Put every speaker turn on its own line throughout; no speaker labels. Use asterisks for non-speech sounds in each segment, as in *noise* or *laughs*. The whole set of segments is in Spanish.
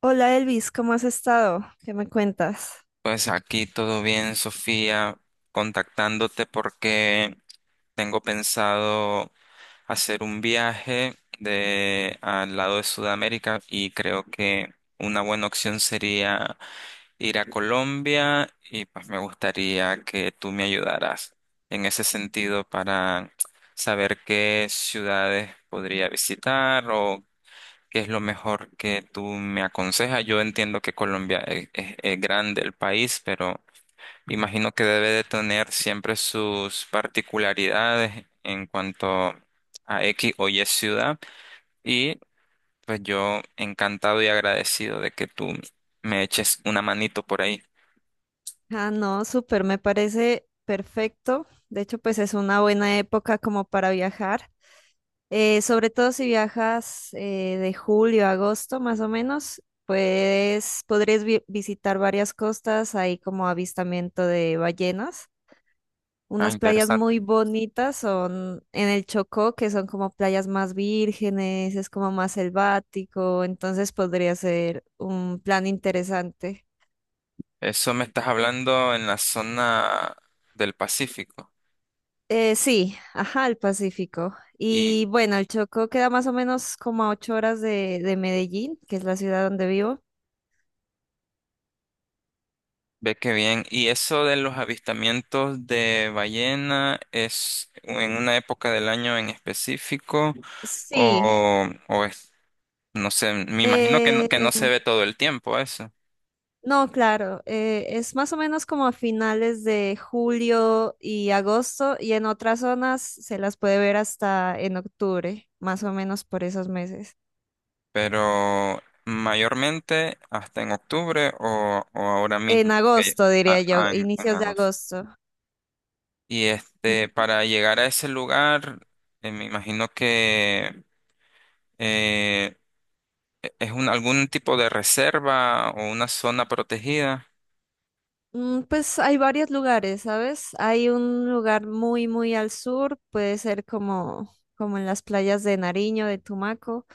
Hola Elvis, ¿cómo has estado? ¿Qué me cuentas?
Pues aquí todo bien, Sofía, contactándote porque tengo pensado hacer un viaje de al lado de Sudamérica y creo que una buena opción sería ir a Colombia y pues me gustaría que tú me ayudaras en ese sentido para saber qué ciudades podría visitar o ¿qué es lo mejor que tú me aconsejas? Yo entiendo que Colombia es grande el país, pero imagino que debe de tener siempre sus particularidades en cuanto a X o Y ciudad. Y pues yo encantado y agradecido de que tú me eches una manito por ahí.
Ah, no, súper, me parece perfecto. De hecho, pues es una buena época como para viajar. Sobre todo si viajas de julio a agosto más o menos, pues podrías visitar varias costas, ahí como avistamiento de ballenas.
Ah,
Unas playas
interesante.
muy bonitas son en el Chocó, que son como playas más vírgenes, es como más selvático, entonces podría ser un plan interesante.
Eso me estás hablando en la zona del Pacífico.
Sí, ajá, al Pacífico.
Y
Y bueno, el Chocó queda más o menos como a 8 horas de Medellín, que es la ciudad donde vivo.
ve que bien. ¿Y eso de los avistamientos de ballena es en una época del año en específico
Sí,
o es? No sé, me imagino
eh,
que no se
em,
ve todo el tiempo eso,
no, claro, es más o menos como a finales de julio y agosto, y en otras zonas se las puede ver hasta en octubre, más o menos por esos meses.
pero mayormente hasta en octubre o ahora
En
mismo, que-
agosto, diría
a-
yo,
a- en, en
inicios de
agosto.
agosto.
Y este, para llegar a ese lugar, me imagino que eh, es un, algún tipo de reserva o una zona protegida.
Pues hay varios lugares, ¿sabes? Hay un lugar muy, muy al sur, puede ser como en las playas de Nariño, de Tumaco,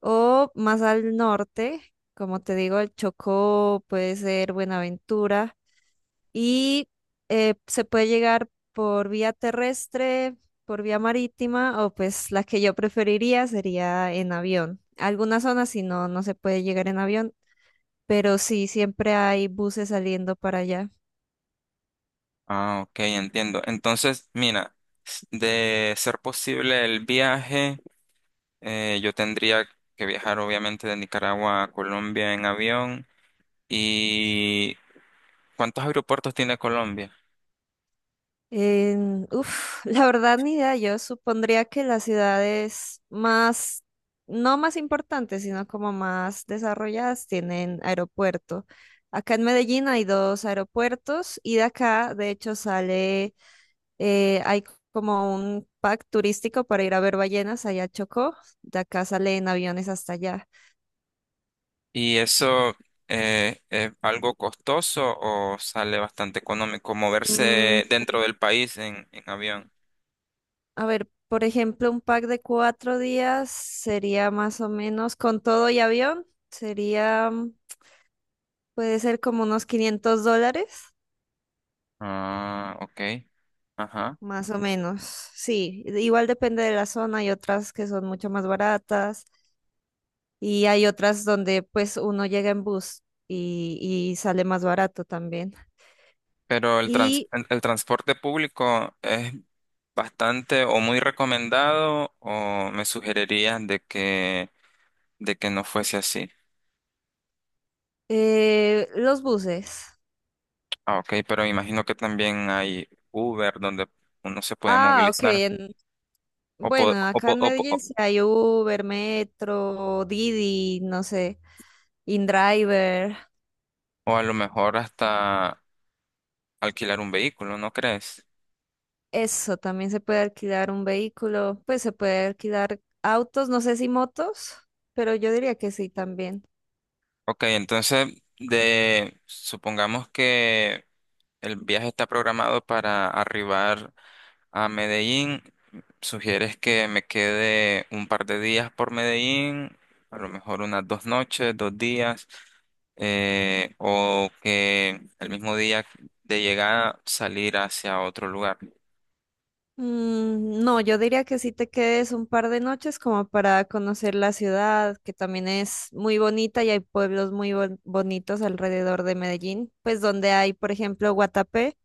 o más al norte, como te digo, el Chocó, puede ser Buenaventura. Y se puede llegar por vía terrestre, por vía marítima, o pues la que yo preferiría sería en avión. Algunas zonas no, no se puede llegar en avión, pero sí, siempre hay buses saliendo para allá.
Ah, ok, entiendo. Entonces, mira, s- de ser posible el viaje. Yo tendría que viajar obviamente de Nicaragua a Colombia en avión. ¿Y cuántos aeropuertos tiene Colombia?
En- uf, *laughs* la verdad ni idea. Yo supondría que las ciudades más, no más importantes, sino como más desarrolladas tienen aeropuerto. Acá en Medellín hay dos aeropuertos, y de acá, de hecho, sale, hay como un pack turístico para ir a ver ballenas allá a Chocó. De acá salen aviones hasta allá.
¿Y eso es algo costoso o sale bastante económico
Mm,
moverse dentro del país en avión?
a ver, por ejemplo, un pack de 4 días sería más o menos con todo y avión. Sería... puede ser como unos $500,
Ah, ok. Ajá.
más o menos. Sí, igual depende de la zona. Hay otras que son mucho más baratas, y hay otras donde pues uno llega en bus y, y sale más barato también.
Pero el trans-
Y
el el transporte público es bastante o muy recomendado o ¿me sugerirías de que no fuese así?
los buses.
Ah, ok, pero me imagino que también hay Uber donde uno se puede
Ah, ok.
movilizar
En-
o, po-
bueno,
o,
acá
po-
en
o,
Medellín
po-
sí hay Uber, Metro, Didi, no sé, InDriver.
o a lo mejor hasta alquilar un vehículo, ¿no crees?
Eso, también se puede alquilar un vehículo. Pues se puede alquilar autos, no sé si motos, pero yo diría que sí también.
Ok, entonces de supongamos que el viaje está programado para arribar a Medellín. ¿Sugieres que me quede un par de días por Medellín? A lo mejor unas dos noches, dos días. O que el mismo día de llegada salir hacia otro lugar.
No, yo diría que sí te quedes un par de noches como para conocer la ciudad, que también es muy bonita, y hay pueblos muy bonitos alrededor de Medellín, pues donde hay, por ejemplo, Guatapé,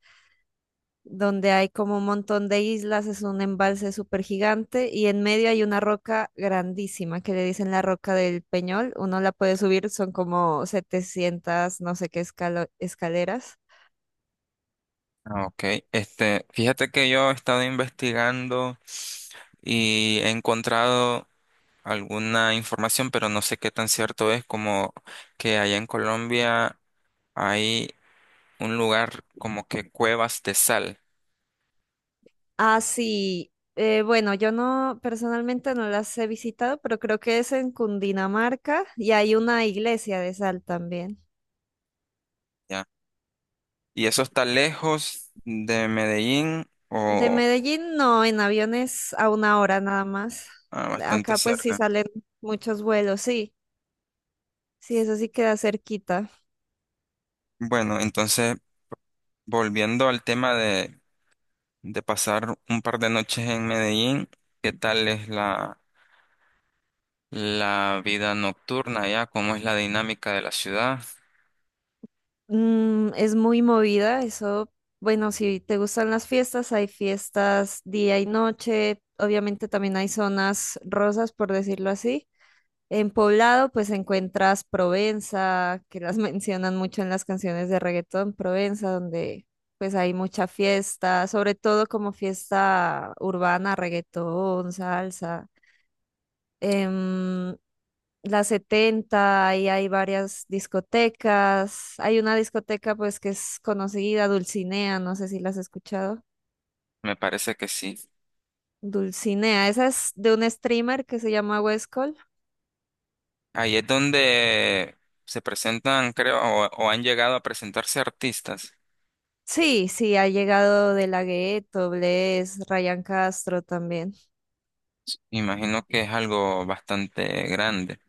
donde hay como un montón de islas. Es un embalse súper gigante y en medio hay una roca grandísima que le dicen la roca del Peñol. Uno la puede subir, son como 700 no sé qué escaleras.
Ah, ok, este, fíjate que yo he estado investigando y he encontrado alguna información, pero no sé qué tan cierto es como que allá en Colombia hay un lugar como que cuevas de sal,
Ah, sí, bueno, yo no, personalmente no las he visitado, pero creo que es en Cundinamarca y hay una iglesia de sal también.
¿ya? ¿Y eso está lejos de Medellín
De
o?
Medellín, no, en aviones a una hora nada más.
Ah, bastante
Acá pues sí
cerca.
salen muchos vuelos, sí, sí, eso sí queda cerquita.
Bueno, entonces, volviendo al tema de pasar un par de noches en Medellín, ¿qué tal es la vida nocturna allá? ¿Cómo es la dinámica de la ciudad?
Es muy movida, eso, bueno, si te gustan las fiestas, hay fiestas día y noche. Obviamente también hay zonas rosas, por decirlo así. En Poblado, pues encuentras Provenza, que las *laughs* mencionan mucho en las canciones de reggaetón, Provenza, donde pues hay mucha fiesta, sobre todo como fiesta urbana, reggaetón, salsa, em, la 70, y hay varias discotecas. Hay una discoteca, pues, que es conocida, Dulcinea, no sé si la has escuchado.
Me parece que sí.
Dulcinea, esa es de un streamer que se llama Westcol.
Ahí es donde se presentan, creo, o han llegado a presentarse artistas.
Sí, sí, ha llegado De La Ghetto, Bless, Ryan Castro también.
Imagino que es algo bastante grande.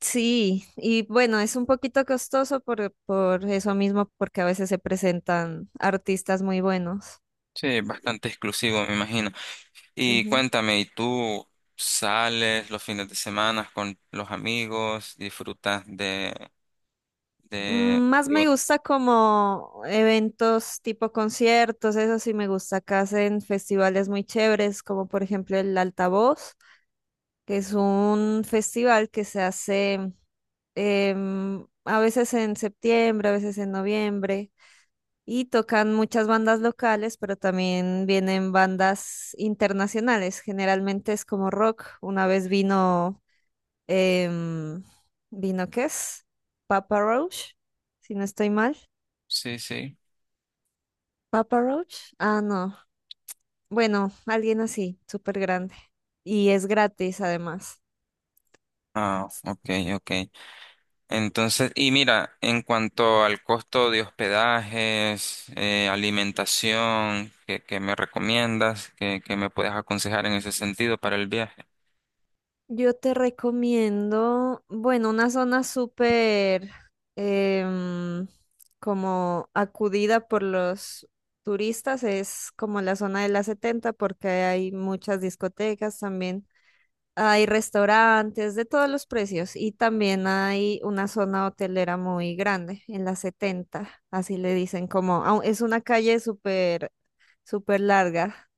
Sí, y bueno, es un poquito costoso por eso mismo, porque a veces se presentan artistas muy buenos.
Sí, bastante exclusivo, me imagino. Y cuéntame, ¿y tú sales los fines de semana con los amigos? ¿Disfrutas de, de,
Más
de
me
un-?
gusta como eventos tipo conciertos, eso sí me gusta. Acá hacen festivales muy chéveres, como por ejemplo el Altavoz, que es un festival que se hace a veces en septiembre, a veces en noviembre, y tocan muchas bandas locales, pero también vienen bandas internacionales. Generalmente es como rock. Una vez vino, em, ¿vino qué es? Papa Roach, si no estoy mal.
Sí, sí.
Papa Roach. Ah, no. Bueno, alguien así, súper grande. Y es gratis además.
Ah, ok, ok. Entonces, y mira, en cuanto al costo de hospedajes, alimentación, qué me recomiendas? Qué me puedes aconsejar en ese sentido para el viaje?
Yo te recomiendo, bueno, una zona súper em, como acudida por los turistas, es como la zona de la setenta, porque hay muchas discotecas también. Hay restaurantes de todos los precios, y también hay una zona hotelera muy grande en la 70, así le dicen, como es una calle súper súper larga.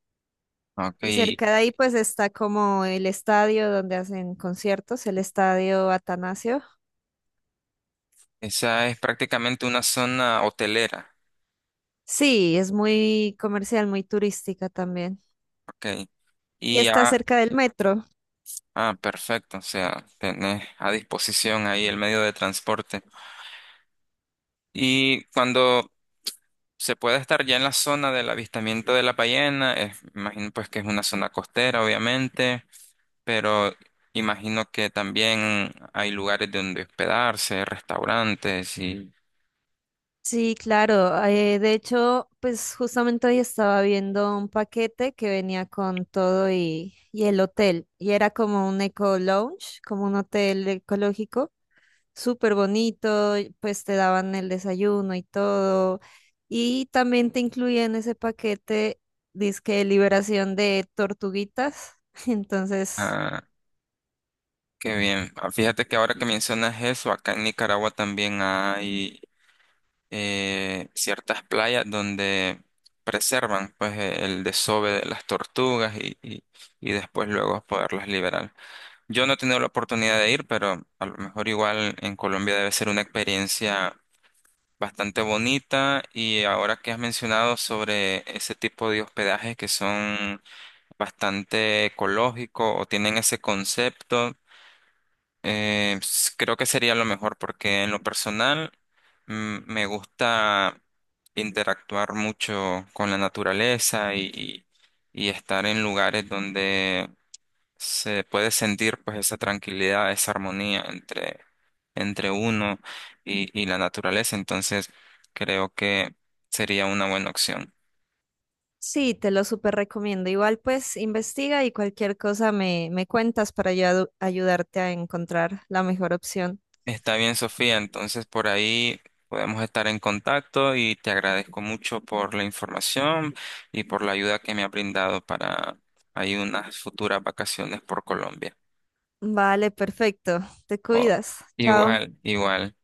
Ok,
Y cerca de ahí pues está como el estadio donde hacen conciertos, el estadio Atanasio.
esa es prácticamente una zona hotelera.
Sí, es muy comercial, muy turística también.
Ok.
Y
Y,
está
ya,
cerca del metro.
ah, perfecto. O sea, tenés a disposición ahí el medio de transporte. Y cuando se puede estar ya en la zona del avistamiento de la ballena, es- imagino pues que es una zona costera, obviamente, pero imagino que también hay lugares donde hospedarse, restaurantes y...
Sí, claro. De hecho, pues justamente hoy estaba viendo un paquete que venía con todo y el hotel. Y era como un eco lounge, como un hotel ecológico, súper bonito, pues te daban el desayuno y todo. Y también te incluía en ese paquete, disque liberación de tortuguitas. *laughs* Entonces,
Ah, qué bien. Ah, fíjate que ahora que mencionas eso, acá en Nicaragua también hay ciertas playas donde preservan pues e- el desove de las tortugas y después luego poderlas liberar. Yo no he tenido la oportunidad de ir, pero a lo mejor igual en Colombia debe ser una experiencia bastante bonita y ahora que has mencionado sobre ese tipo de hospedajes que son bastante ecológicos o tienen ese concepto. S- creo que sería lo mejor porque en lo personal me gusta interactuar mucho con la naturaleza y estar en lugares donde se puede sentir pues esa tranquilidad, esa armonía entre, entre uno y la naturaleza. Entonces creo que sería una buena opción.
sí, te lo súper recomiendo. Igual, pues investiga y cualquier cosa me, me cuentas para yo ayudarte a encontrar la mejor opción.
Está bien, Sofía. Entonces, por ahí podemos estar en contacto y te agradezco mucho por la información y por la ayuda que me ha brindado para ahí unas futuras vacaciones por Colombia.
Vale, perfecto. Te
Oh,
cuidas. Chao.
igual, igual.